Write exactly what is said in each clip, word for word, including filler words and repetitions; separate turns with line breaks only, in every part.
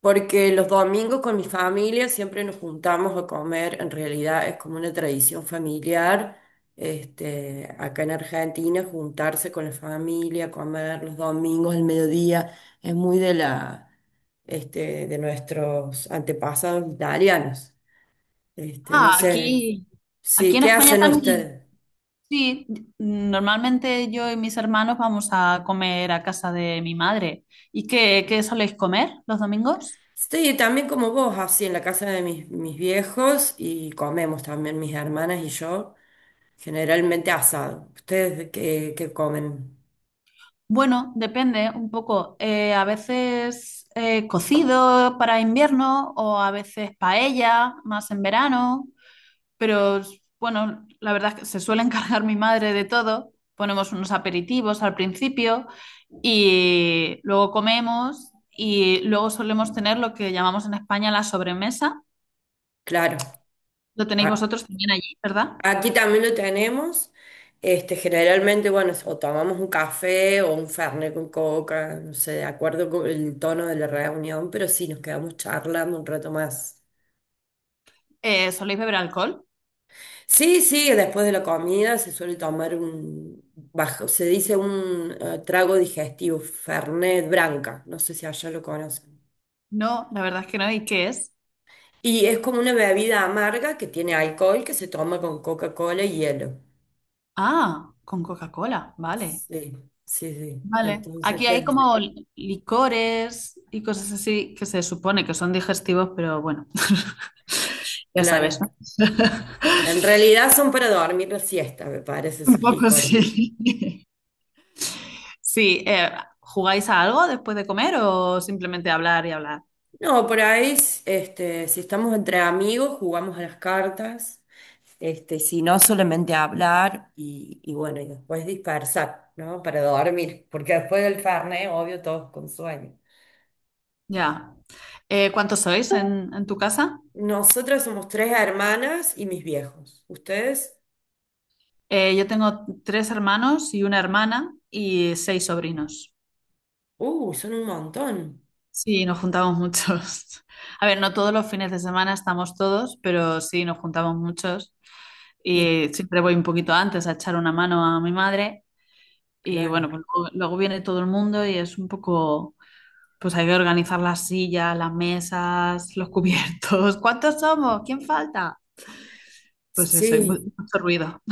Porque los domingos con mi familia siempre nos juntamos a comer, en realidad es como una tradición familiar, este, acá en Argentina, juntarse con la familia, comer los domingos al mediodía, es muy de la, este, de nuestros antepasados italianos. Este, no
Ah,
sé,
aquí. Aquí
sí,
en
¿qué
España
hacen
también.
ustedes?
Sí, normalmente yo y mis hermanos vamos a comer a casa de mi madre. ¿Y qué, qué soléis comer los domingos?
Estoy también como vos, así en la casa de mis, mis viejos y comemos también mis hermanas y yo. Generalmente asado. ¿Ustedes qué, qué comen?
Bueno, depende un poco. Eh, a veces eh, cocido para invierno o a veces paella, más en verano. Pero bueno, la verdad es que se suele encargar mi madre de todo. Ponemos unos aperitivos al principio. Y luego comemos y luego solemos tener lo que llamamos en España la sobremesa.
Claro.
Lo tenéis
A-
vosotros también allí, ¿verdad?
aquí también lo tenemos. Este, generalmente, bueno, o tomamos un café o un fernet con coca, no sé, de acuerdo con el tono de la reunión, pero sí, nos quedamos charlando un rato más.
Eh, ¿soléis beber alcohol?
Sí, sí, después de la comida se suele tomar un bajo, se dice un eh, trago digestivo, fernet branca. No sé si allá lo conocen.
No, la verdad es que no. ¿Y qué es?
Y es como una bebida amarga que tiene alcohol que se toma con Coca-Cola y hielo.
Ah, con Coca-Cola, vale.
Sí, sí, sí.
Vale.
Entonces,
Aquí hay
¿qué?
como li- licores y cosas así que se supone que son digestivos, pero bueno, ya sabes, ¿no?
Claro. En realidad son para dormir la siesta, me parece,
Un
sus
poco
licores.
sí. Sí, eh, ¿jugáis a algo después de comer o simplemente hablar y hablar?
No, por ahí, este, si estamos entre amigos, jugamos a las cartas. Este, si no, solamente hablar y, y bueno, y después dispersar, ¿no? Para dormir, porque después del Fernet, obvio, todos con sueño.
Ya. Eh, ¿cuántos sois en, en tu casa?
Nosotras somos tres hermanas y mis viejos. ¿Ustedes?
Eh, yo tengo tres hermanos y una hermana y seis sobrinos.
Uh, son un montón.
Sí, nos juntamos muchos. A ver, no todos los fines de semana estamos todos, pero sí, nos juntamos muchos.
Y
Y siempre voy un poquito antes a echar una mano a mi madre. Y bueno,
claro,
pues luego, luego viene todo el mundo y es un poco, pues hay que organizar las sillas, las mesas, los cubiertos. ¿Cuántos somos? ¿Quién falta? Pues eso, hay mu-
sí,
mucho ruido.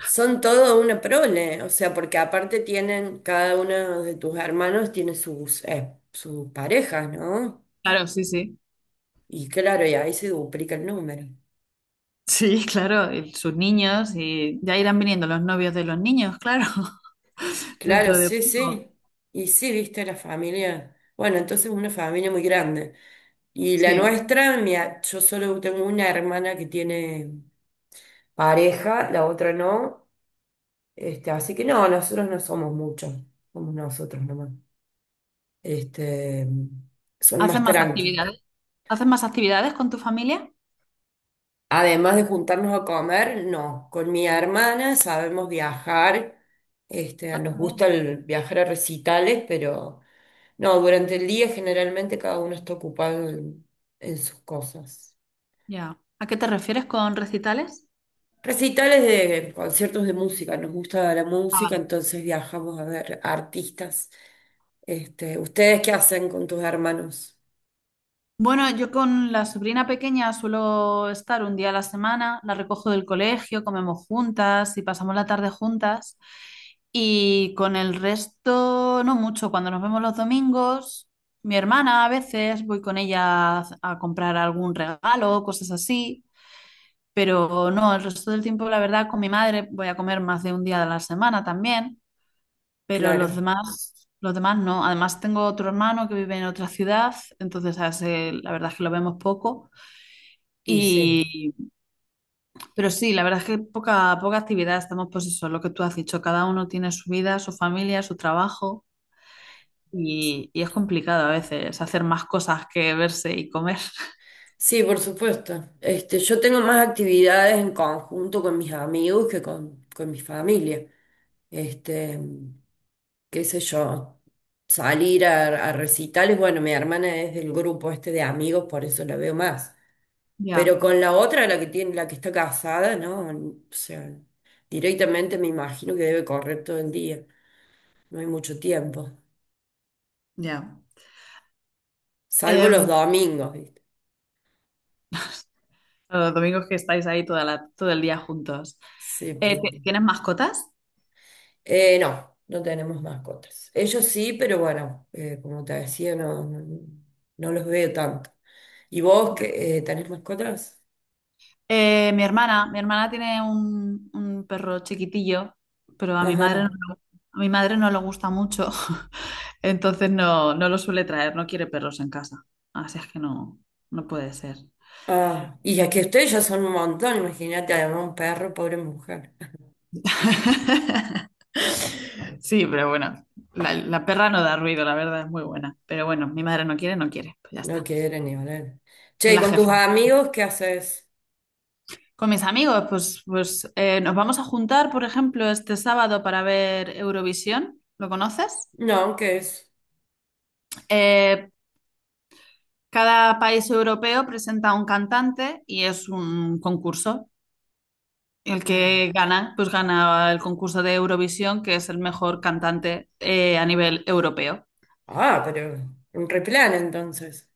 son todo una prole, o sea, porque aparte tienen, cada uno de tus hermanos tiene sus, eh, sus parejas, ¿no?
Claro, sí, sí.
Y claro, y ahí se duplica el número.
Sí, claro, y sus niños y ya irán viniendo los novios de los niños, claro,
Claro,
dentro de
sí,
poco.
sí. Y sí, viste la familia. Bueno, entonces una familia muy grande. Y la
Sí.
nuestra, mi a- yo solo tengo una hermana que tiene pareja, la otra no. Este, así que no, nosotros no somos muchos, somos nosotros nomás. Este, son más
¿Hacen más
tranqui.
actividades? ¿Hacen más actividades con tu familia?
Además de juntarnos a comer, no. Con mi hermana sabemos viajar. Este,
Ah,
nos
qué bien.
gusta el viajar a recitales, pero no, durante el día generalmente cada uno está ocupado en, en sus cosas.
Ya. ¿A qué te refieres con recitales?
Recitales de conciertos de música, nos gusta la
Ah,
música,
vale.
entonces viajamos a ver artistas. Este, ¿ustedes qué hacen con tus hermanos?
Bueno, yo con la sobrina pequeña suelo estar un día a la semana, la recojo del colegio, comemos juntas y pasamos la tarde juntas. Y con el resto, no mucho. Cuando nos vemos los domingos, mi hermana a veces voy con ella a a comprar algún regalo, cosas así. Pero no, el resto del tiempo, la verdad, con mi madre voy a comer más de un día a la semana también, pero los
Claro,
demás, los demás no. Además, tengo otro hermano que vive en otra ciudad, entonces a ese la verdad es que lo vemos poco.
y sí.
Y, pero sí, la verdad es que poca, poca actividad. Estamos, pues eso, lo que tú has dicho, cada uno tiene su vida, su familia, su trabajo. Y, y es complicado a veces hacer más cosas que verse y comer.
Sí, por supuesto. Este, yo tengo más actividades en conjunto con mis amigos que con, con mi familia. Este, qué sé yo, salir a, a recitales, bueno, mi hermana es del grupo este de amigos, por eso la veo más.
Ya,
Pero con la otra, la que tiene, la que está casada, ¿no? O sea, directamente me imagino que debe correr todo el día. No hay mucho tiempo.
ya.
Salvo los
Em,
domingos, ¿viste?
los domingos que estáis ahí toda la- todo el día juntos.
Sí,
Eh,
perdón.
¿Tienes mascotas?
Eh, no, no tenemos mascotas. Ellos sí, pero bueno, eh, como te decía, no, no, no los veo tanto. ¿Y vos que eh, tenés mascotas?
Eh, mi hermana, mi hermana tiene un, un perro chiquitillo, pero a mi madre no,
Ajá.
le- a mi madre no le gusta mucho, entonces no, no lo suele traer, no quiere perros en casa. Así es que no, no puede ser.
Ah, y ya que ustedes ya son un montón, imagínate, además un perro, pobre mujer.
Sí, pero bueno, la, la perra no da ruido, la verdad, es muy buena. Pero bueno, mi madre no quiere, no quiere, pues ya
No
está. Es
quiere ni hablar. Che, ¿y
la
con tus
jefa.
amigos qué haces?
Con mis amigos, pues, pues eh, nos vamos a juntar, por ejemplo, este sábado para ver Eurovisión. ¿Lo conoces?
No, ¿qué es?
Eh, Cada país europeo presenta un cantante y es un concurso. El que
Ah,
gana, pues gana el concurso de Eurovisión, que es el mejor cantante eh, a nivel europeo.
ah, pero un replan entonces.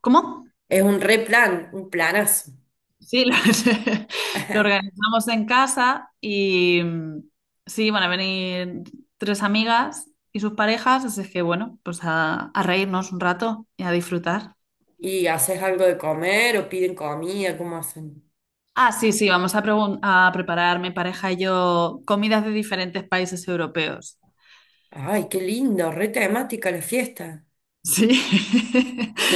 ¿Cómo?
Es un replan, un planazo.
Sí, lo, lo organizamos en casa y mm, sí, van a venir tres amigas y sus parejas, así es que bueno, pues a, a reírnos un rato y a disfrutar.
¿Y haces algo de comer o piden comida? ¿Cómo hacen?
Ah, sí, sí, vamos a, pregun- a preparar mi pareja y yo comidas de diferentes países europeos.
Ay, qué lindo, re temática la fiesta.
Sí,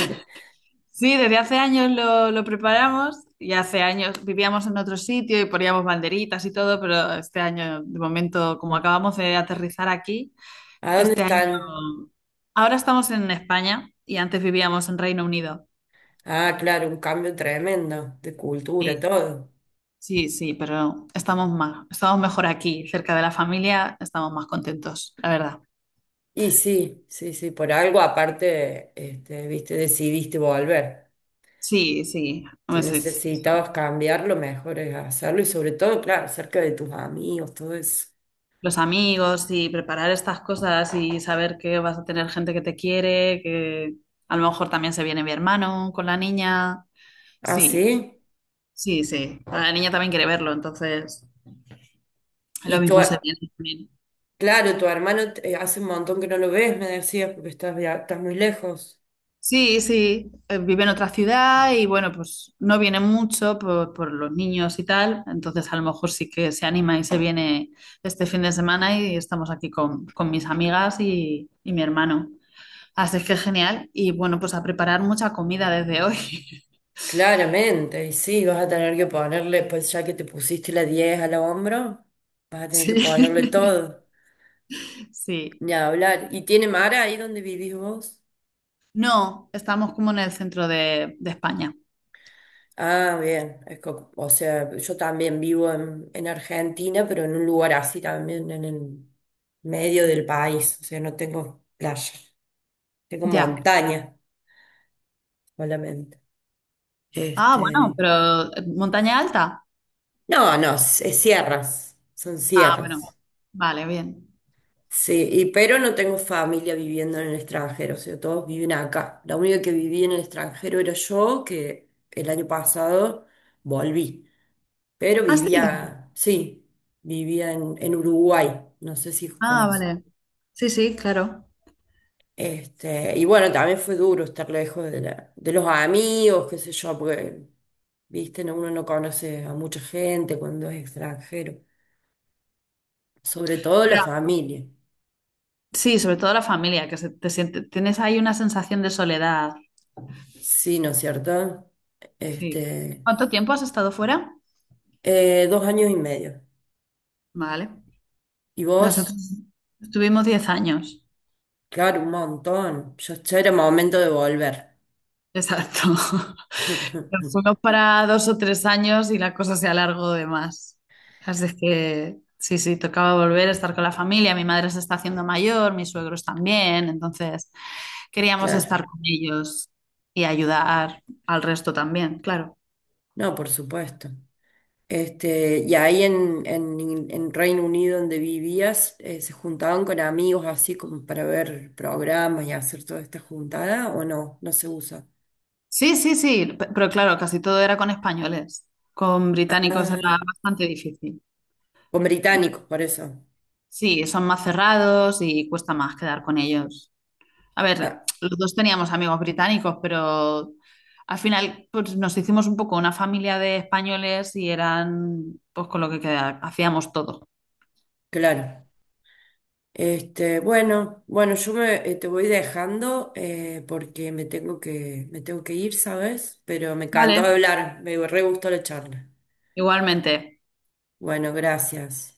sí, desde hace años lo, lo preparamos y hace años vivíamos en otro sitio y poníamos banderitas y todo, pero este año, de momento, como acabamos de aterrizar aquí,
¿A dónde
este año,
están?
ahora estamos en España y antes vivíamos en Reino Unido.
Ah, claro, un cambio tremendo de cultura,
Sí,
todo.
sí, sí, pero estamos más, estamos mejor aquí, cerca de la familia, estamos más contentos, la verdad.
Y sí, sí, sí, por algo aparte, este, viste, decidiste volver.
Sí, sí,
Si
pues es-
necesitabas cambiar, lo mejor es hacerlo y sobre todo, claro, cerca de tus amigos, todo eso.
los amigos y preparar estas cosas y saber que vas a tener gente que te quiere, que a lo mejor también se viene mi hermano con la niña.
Ah,
Sí,
sí.
sí, sí. La niña también quiere verlo, entonces lo
Y tu,
mismo se viene también.
claro, tu hermano eh, hace un montón que no lo ves, me decías, porque estás, via- estás muy lejos.
Sí, sí, eh, vive en otra ciudad y bueno, pues no viene mucho por, por los niños y tal, entonces a lo mejor sí que se anima y se viene este fin de semana y estamos aquí con, con mis amigas y, y mi hermano. Así es que genial. Y bueno, pues a preparar mucha comida desde hoy.
Claramente, y sí, vas a tener que ponerle, pues ya que te pusiste la diez al hombro, vas a tener
Sí,
que ponerle todo,
sí.
ni hablar. ¿Y tiene mar ahí donde vivís vos?
No, estamos como en el centro de, de España.
Ah, bien, es co- o sea, yo también vivo en, en Argentina, pero en un lugar así también, en el medio del país, o sea, no tengo playa, tengo
Ya.
montaña solamente.
Ah, bueno,
Este,
pero eh, montaña alta.
no, no, es es sierras, son
Ah, bueno.
sierras.
Vale, bien.
Sí, y pero no tengo familia viviendo en el extranjero, o sea, todos viven acá. La única que vivía en el extranjero era yo, que el año pasado volví, pero
Ah, sí.
vivía, sí, vivía en, en Uruguay, no sé si
Ah,
conoces.
vale. Sí, sí, claro.
Este, y bueno, también fue duro estar lejos de la- de los amigos, qué sé yo, porque, viste, no- uno no conoce a mucha gente cuando es extranjero, sobre todo la
Ya.
familia.
Sí, sobre todo la familia, que se- te siente, tienes ahí una sensación de soledad.
Sí, ¿no es cierto?
Sí.
Este,
¿Cuánto tiempo has estado fuera?
Eh, dos años y medio.
Vale.
¿Y vos?
Nosotros estuvimos diez años.
Claro, un montón. Yo ya era momento de volver.
Exacto. Nos fuimos para dos o tres años y la cosa se alargó de más. Así es que sí, sí, tocaba volver a estar con la familia. Mi madre se está haciendo mayor, mis suegros también. Entonces queríamos estar
Claro.
con ellos y ayudar al resto también, claro.
No, por supuesto. Este, y ahí en, en, en Reino Unido donde vivías, eh, ¿se juntaban con amigos así como para ver programas y hacer toda esta juntada o no? No se usa.
Sí, sí, sí, pe- pero claro, casi todo era con españoles. Con británicos era
Ah,
bastante difícil.
con británicos, por eso.
Sí, son más cerrados y cuesta más quedar con ellos. A ver,
Ah,
los dos teníamos amigos británicos, pero al final pues, nos hicimos un poco una familia de españoles y eran pues con lo que queda- hacíamos todo.
claro. Este, bueno, bueno, yo me, eh, te voy dejando eh, porque me tengo que, me tengo que ir, ¿sabes? Pero me encantó
Vale.
hablar, me re gustó la charla.
Igualmente.
Bueno, gracias.